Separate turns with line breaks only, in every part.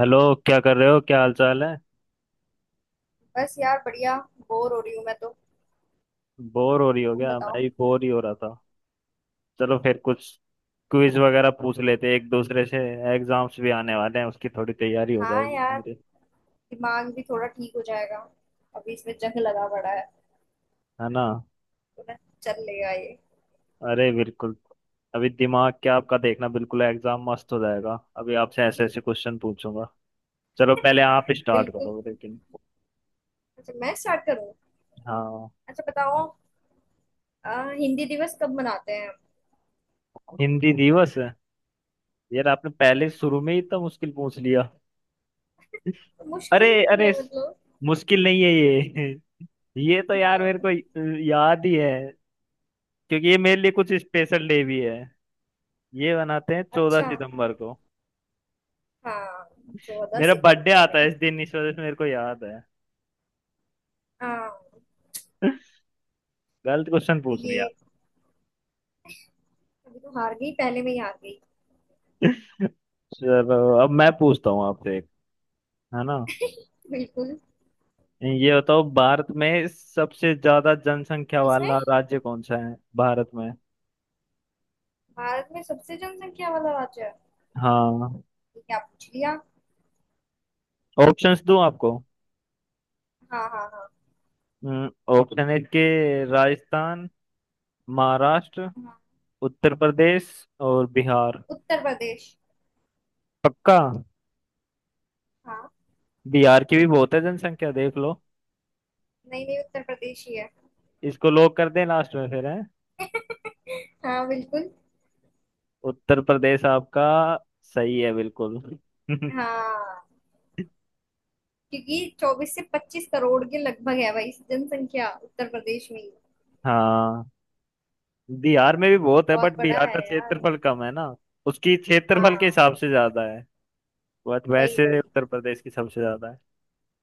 Hello. क्या कर रहे हो, क्या हाल चाल है?
बस यार बढ़िया। बोर हो रही हूँ मैं तो।
बोर हो रही हो
तुम
क्या?
बताओ।
मैं भी बोर ही हो रहा था। चलो फिर कुछ क्विज वगैरह पूछ लेते हैं एक दूसरे से। एग्जाम्स भी आने वाले हैं, उसकी थोड़ी तैयारी हो
हाँ
जाएगी
यार,
हमारी।
दिमाग भी थोड़ा ठीक हो जाएगा। अभी इसमें जंग लगा पड़ा है।
है ना?
तो ना, चल लेगा ये।
अरे बिल्कुल। अभी दिमाग क्या आपका, देखना बिल्कुल एग्जाम मस्त हो जाएगा। अभी आपसे ऐसे ऐसे क्वेश्चन पूछूंगा। चलो पहले आप स्टार्ट
बिल्कुल।
करो लेकिन।
अच्छा, मैं स्टार्ट करूँ?
हाँ।
अच्छा बताओ, अ, हिंदी दिवस कब मनाते हैं?
हिंदी दिवस है? यार आपने पहले शुरू
हाँ।
में ही इतना मुश्किल पूछ लिया।
तो
अरे
मुश्किल नहीं
अरे
है, मतलब।
मुश्किल नहीं है ये। ये तो यार
हाँ।
मेरे को याद ही है। क्योंकि ये मेरे लिए कुछ स्पेशल डे भी है। ये बनाते हैं 14
अच्छा।
सितंबर को।
हाँ। चौदह
मेरा बर्थडे
सितंबर
आता
में।
है इस दिन, इस वजह से मेरे को याद है।
हाँ।
गलत क्वेश्चन
तो
पूछ
ये,
लिया।
अभी तो हार गई, पहले में ही हार गई।
चलो अब मैं पूछता हूँ आपसे एक, है ना?
बिल्कुल।
ये बताओ, भारत में सबसे ज्यादा जनसंख्या
किसमें?
वाला राज्य कौन सा है, भारत में?
भारत में सबसे जनसंख्या वाला राज्य है?
हाँ।
ये क्या पूछ लिया।
ऑप्शंस दूं आपको?
हाँ हाँ हाँ।
ऑप्शन A के: राजस्थान, महाराष्ट्र,
हाँ।
उत्तर प्रदेश और बिहार।
उत्तर प्रदेश।
पक्का?
हाँ।
बिहार की भी बहुत है जनसंख्या, देख लो।
नहीं नहीं, उत्तर प्रदेश ही है।
इसको लोग कर दें लास्ट में फिर है।
हाँ बिल्कुल।
उत्तर प्रदेश आपका। सही है बिल्कुल।
हाँ। क्योंकि चौबीस से पच्चीस करोड़ के लगभग है भाई जनसंख्या उत्तर प्रदेश में ही।
हाँ। बिहार में भी बहुत है,
बहुत
बट
बड़ा
बिहार का
है यार।
क्षेत्रफल कम है ना। उसकी क्षेत्रफल के
हाँ।
हिसाब से ज्यादा है। बट
वही
वैसे
वही।
उत्तर प्रदेश की सबसे ज्यादा है।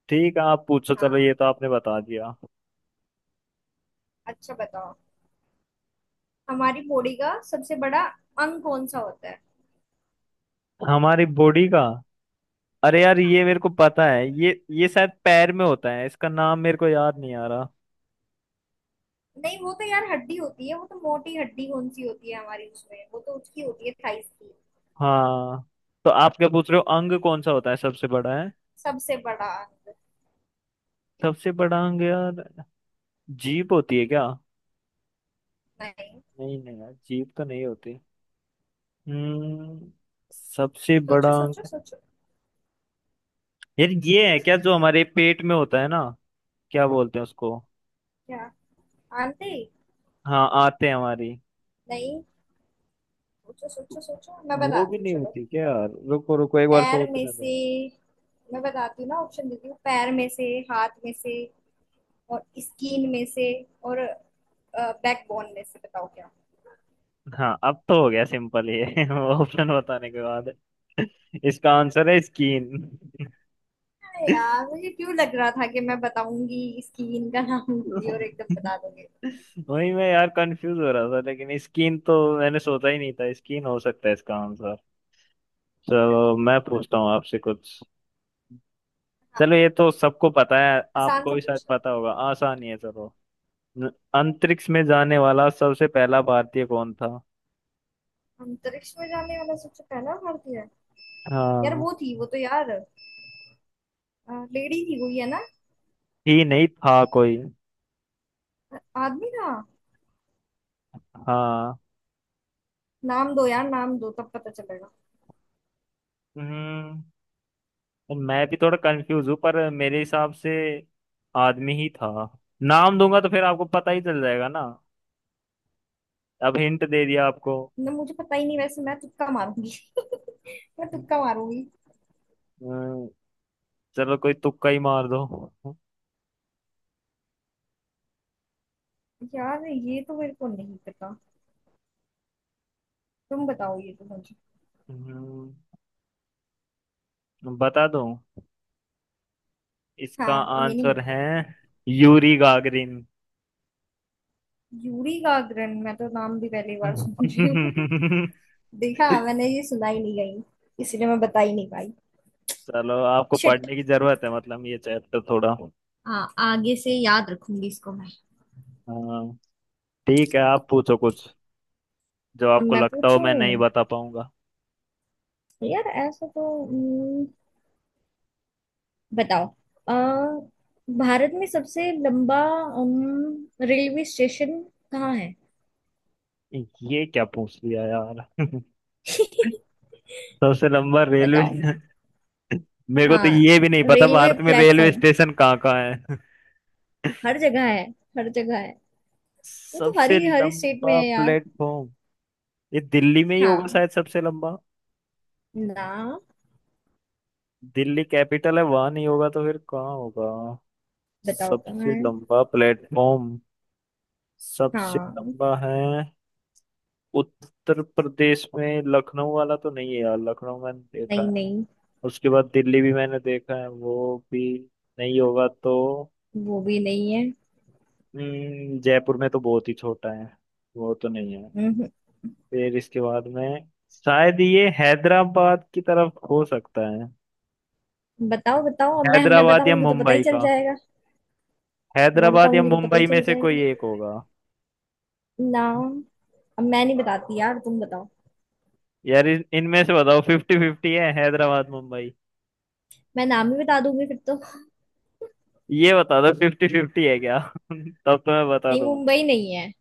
ठीक है, आप पूछो। चलो
हाँ।
ये तो आपने बता दिया।
अच्छा बताओ, हमारी बॉडी का सबसे बड़ा अंग कौन सा होता है?
हमारी बॉडी का। अरे यार
हाँ।
ये मेरे को पता है, ये शायद पैर में होता है, इसका नाम मेरे को याद नहीं आ रहा।
नहीं, वो तो यार हड्डी होती है, वो तो मोटी हड्डी कौन सी होती है हमारी, उसमें वो तो उसकी होती है थाइस की।
हाँ। तो आप क्या पूछ रहे हो, अंग कौन सा होता है सबसे बड़ा है?
सबसे बड़ा अंग।
सबसे बड़ा अंग यार। जीभ होती है क्या?
नहीं।
नहीं नहीं यार, जीभ तो नहीं होती। हम्म। सबसे
सोचो
बड़ा
सोचो
अंग।
सोचो।
यार ये है क्या जो हमारे पेट में होता है ना? क्या बोलते हैं उसको?
क्या? आंटी?
हाँ आते हैं हमारी।
नहीं। सोचो सोचो सोचो, मैं
वो भी
बताती हूँ
नहीं
चलो।
होती क्या यार? रुको रुको, एक बार
पैर में
सोचने दो।
से। मैं बताती हूँ ना, ऑप्शन देती हूँ। पैर में से, हाथ में से, और स्किन में से, और बैकबोन में से, बताओ क्या।
हाँ अब तो हो गया सिंपल ये। ऑप्शन बताने के बाद। इसका आंसर है स्कीन।
अरे यार, मुझे क्यों लग रहा था कि मैं बताऊंगी, स्किन का नाम लूंगी और एकदम बता दोगे।
वही मैं यार कंफ्यूज हो रहा था, लेकिन स्कीन तो मैंने सोचा ही नहीं था स्कीन हो सकता है इसका आंसर।
हाँ।
चलो मैं पूछता हूँ आपसे कुछ। चलो ये
हाँ,
तो सबको पता है,
आसान
आपको
सा
भी शायद
पूछना।
पता होगा, आसान ही है चलो। न- अंतरिक्ष में जाने वाला सबसे पहला भारतीय कौन था?
अंतरिक्ष में जाने वाला सबसे पहला भारतीय है? यार
हाँ।
वो थी, वो तो यार लेडी थी, वो ही है ना?
ही नहीं था कोई।
आदमी था?
हाँ।
नाम दो यार, नाम दो तब पता चलेगा।
हम्म मैं भी थोड़ा कंफ्यूज हूँ, पर मेरे हिसाब से आदमी ही था। नाम दूंगा तो फिर आपको पता ही चल जाएगा ना। अब हिंट दे दिया आपको।
ना, मुझे पता ही नहीं, वैसे मैं तुक्का मारूंगी। मैं तुक्का मारूंगी।
अम्म, चलो कोई तुक्का ही मार दो।
यार ये तो मेरे को नहीं पता, तुम बताओ, ये तो मुझे।
अम्म, बता दूं, इसका
हाँ, ये नहीं
आंसर
मुझे
है यूरी गागरिन।
पता। यूरी गागरन, मैं तो नाम भी पहली बार सुन रही हूँ। देखा, मैंने ये सुना ही नहीं, गई इसलिए मैं बता ही नहीं पाई।
चलो आपको
शिट।
पढ़ने की जरूरत है मतलब, ये चैप्टर थोड़ा।
हाँ, आगे से याद रखूंगी इसको मैं।
हाँ, ठीक है। आप पूछो कुछ जो
अब
आपको
मैं
लगता हो मैं नहीं
पूछूं?
बता पाऊंगा।
यार ऐसा तो बताओ। अ, भारत में सबसे लंबा रेलवे स्टेशन कहाँ है?
ये क्या पूछ लिया यार। सबसे लंबा रेलवे।
बताओ।
मेरे को तो
हाँ।
ये भी नहीं पता
रेलवे
भारत में रेलवे
प्लेटफॉर्म
स्टेशन कहाँ कहाँ है।
हर जगह है, हर जगह है। वो तो हर
सबसे
ही हर ही स्टेट में
लंबा
है यार।
प्लेटफॉर्म ये दिल्ली में ही होगा
हाँ।
शायद, सबसे लंबा।
ना।
दिल्ली कैपिटल है, वहां नहीं होगा तो फिर कहाँ होगा?
बताओ कहाँ
सबसे
है।
लंबा प्लेटफॉर्म, सबसे
हाँ।
लंबा है। उत्तर प्रदेश में लखनऊ वाला तो नहीं है यार, लखनऊ मैंने देखा
नहीं
है।
नहीं।
उसके बाद दिल्ली भी मैंने देखा है, वो भी नहीं होगा तो।
वो भी नहीं है।
जयपुर में तो बहुत ही छोटा है, वो तो नहीं है।
हम्म।
फिर इसके बाद में शायद ये हैदराबाद की तरफ हो सकता है।
बताओ बताओ, अब मैं
हैदराबाद या
बताऊंगी तो पता ही
मुंबई
चल
का।
जाएगा। मैं
हैदराबाद या
बताऊंगी तो पता ही
मुंबई में
चल
से कोई
जाएगा।
एक होगा।
ना। अब मैं नहीं बताती यार, तुम बताओ।
यार इनमें से बताओ, फिफ्टी फिफ्टी है, हैदराबाद मुंबई।
मैं नाम ही बता दूंगी फिर तो।
ये बता दो, फिफ्टी फिफ्टी है क्या? तब तो मैं बता
नहीं,
दूंगा।
मुंबई नहीं है।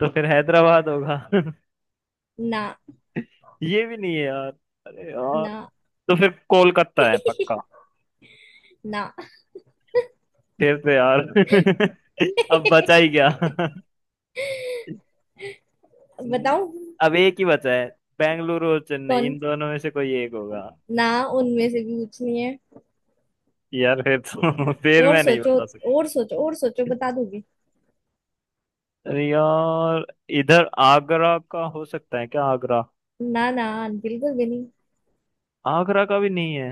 तो फिर हैदराबाद होगा।
ना।
ये भी नहीं है यार। अरे यार।
ना।
तो फिर कोलकाता है पक्का।
ना।
फिर तो यार। अब बचा ही क्या? हम्म,
बताओ।
अब एक ही बचा है, बेंगलुरु और चेन्नई,
कौन?
इन दोनों में से कोई एक होगा।
ना, उनमें से भी कुछ नहीं।
यार फिर तो। फिर
और
मैं नहीं
सोचो,
बता सकता।
और सोचो और सोचो, बता दूंगी।
अरे यार इधर आगरा का हो सकता है क्या? आगरा?
ना ना, बिल्कुल भी नहीं।
आगरा का भी नहीं है।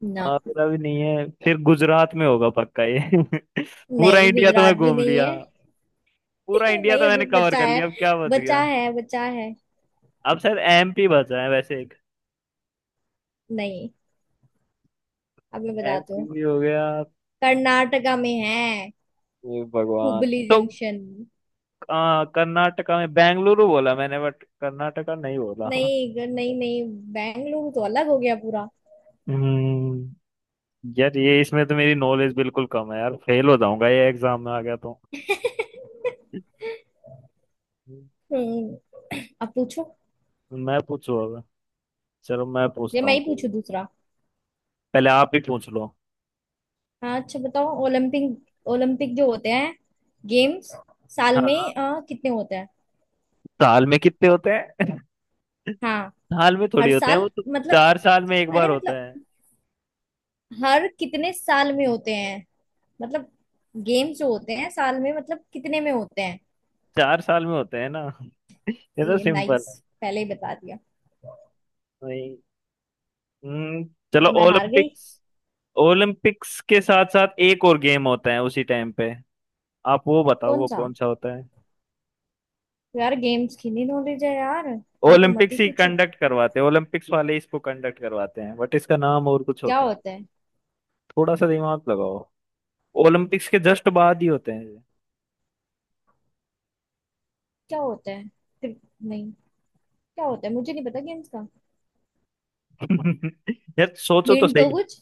ना।
आगरा भी नहीं है फिर। गुजरात में होगा पक्का ये। पूरा
नहीं,
इंडिया तो मैं
गुजरात भी
घूम
नहीं
लिया।
है।
पूरा इंडिया तो
नहीं, अभी
मैंने कवर
बचा
कर
है।
लिया, अब क्या बच गया?
बचा है बचा है।
अब शायद एमपी बचा है वैसे एक।
नहीं। अब मैं बताती
एमपी
हूँ।
भी हो गया।
कर्नाटका में है,
हे भगवान।
हुबली
तो
जंक्शन।
कर्नाटका में बेंगलुरु बोला मैंने, बट कर्नाटका नहीं बोला।
नहीं नहीं। बेंगलुरु तो अलग हो गया पूरा।
हम्म यार ये इसमें तो मेरी नॉलेज बिल्कुल कम है, यार फेल हो जाऊंगा ये एग्जाम में आ गया तो।
हम्म अब पूछो।
मैं पूछू अब। चलो मैं
ये
पूछता
मैं
हूँ
ही पूछू
कोई।
दूसरा।
पहले आप ही पूछ लो।
हाँ, अच्छा बताओ। ओलंपिक, ओलंपिक जो होते हैं गेम्स, साल
हाँ।
में कितने होते हैं?
साल में कितने होते हैं?
हाँ।
साल में
हर
थोड़ी होते हैं वो
साल
तो,
मतलब?
4 साल में एक बार
अरे
होता है।
मतलब, हर कितने साल में होते हैं, मतलब गेम्स जो होते हैं साल में, मतलब कितने में होते हैं?
4 साल में होते हैं ना। ये तो
ये
सिंपल।
नाइस, पहले ही बता दिया।
वही। हम्म,
ये
चलो
तो मैं हार गई।
ओलंपिक्स। ओलंपिक्स के साथ साथ एक और गेम होता है उसी टाइम पे, आप वो बताओ,
कौन
वो
सा?
कौन सा होता है?
यार गेम्स की नहीं नॉलेज है यार। ये तो मत ही
ओलंपिक्स ही
पूछो।
कंडक्ट करवाते हैं, ओलंपिक्स वाले इसको कंडक्ट करवाते हैं, बट इसका नाम और कुछ
क्या
होता है।
होता है?
थोड़ा सा दिमाग लगाओ, ओलंपिक्स के जस्ट बाद ही होते हैं।
क्या होता है? फिर- नहीं, क्या होता है, मुझे नहीं पता गेम्स का।
ये। यार सोचो तो
हिंट दो
सही।
कुछ।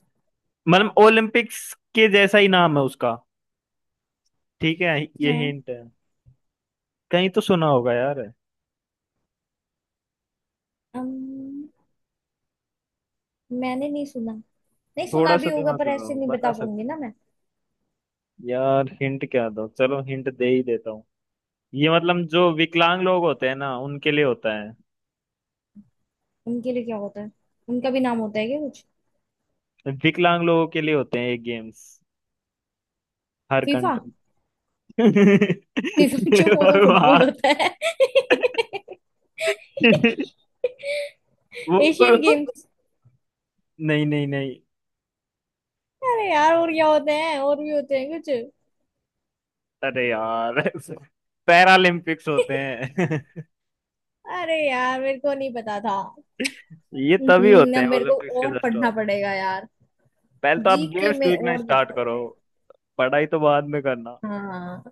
मतलब ओलंपिक्स के जैसा ही नाम है उसका, ठीक है ये
है।
हिंट है। कहीं तो सुना होगा यार।
अम, मैंने नहीं सुना। नहीं, सुना
थोड़ा
भी
सा
होगा
दिमाग
पर ऐसे
लगाओ
नहीं बता
बता
पाऊंगी
सकते
ना मैं।
हो। यार हिंट क्या दो, चलो हिंट दे ही देता हूँ। ये मतलब जो विकलांग लोग होते हैं ना उनके लिए होता है।
उनके लिए क्या होता है? उनका भी नाम होता है क्या कुछ?
विकलांग लोगों के लिए होते हैं ये गेम्स, हर
फीफा?
कंट्री।
निजाम क्यों, वो तो फुटबॉल
भगवान।
होता है। एशियन
वो।
गेम्स?
नहीं नहीं नहीं।
अरे यार, और क्या होते हैं, और भी होते हैं कुछ?
अरे यार, पैरालंपिक्स होते हैं।
अरे यार, मेरे को नहीं पता था।
ये तभी होते
अब
हैं
मेरे को
ओलंपिक्स के
और
जस्ट
पढ़ना
बाद।
पड़ेगा यार।
पहले तो आप
जीके
गेम्स
में
देखना
और
स्टार्ट
पढ़ना
करो,
पड़ेगा।
पढ़ाई तो बाद में करना।
हाँ,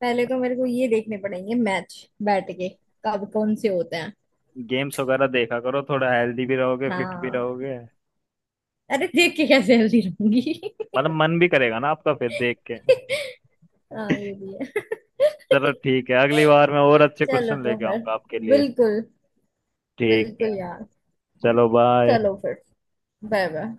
पहले तो मेरे को ये देखने पड़ेंगे मैच, बैठ के, कब कौन से होते हैं।
गेम्स वगैरह देखा करो, थोड़ा हेल्दी भी रहोगे, फिट भी
हाँ।
रहोगे।
अरे, देख के कैसे हेल्दी रहूंगी।
मतलब मन भी करेगा ना आपका फिर देख के।
हाँ ये भी है।
चलो ठीक है, अगली बार मैं और अच्छे
चलो
क्वेश्चन
तो
लेके
फिर।
आऊंगा आपके लिए।
बिल्कुल।
ठीक
बिल्कुल
है।
यार।
चलो बाय।
चलो फिर। Bye bye.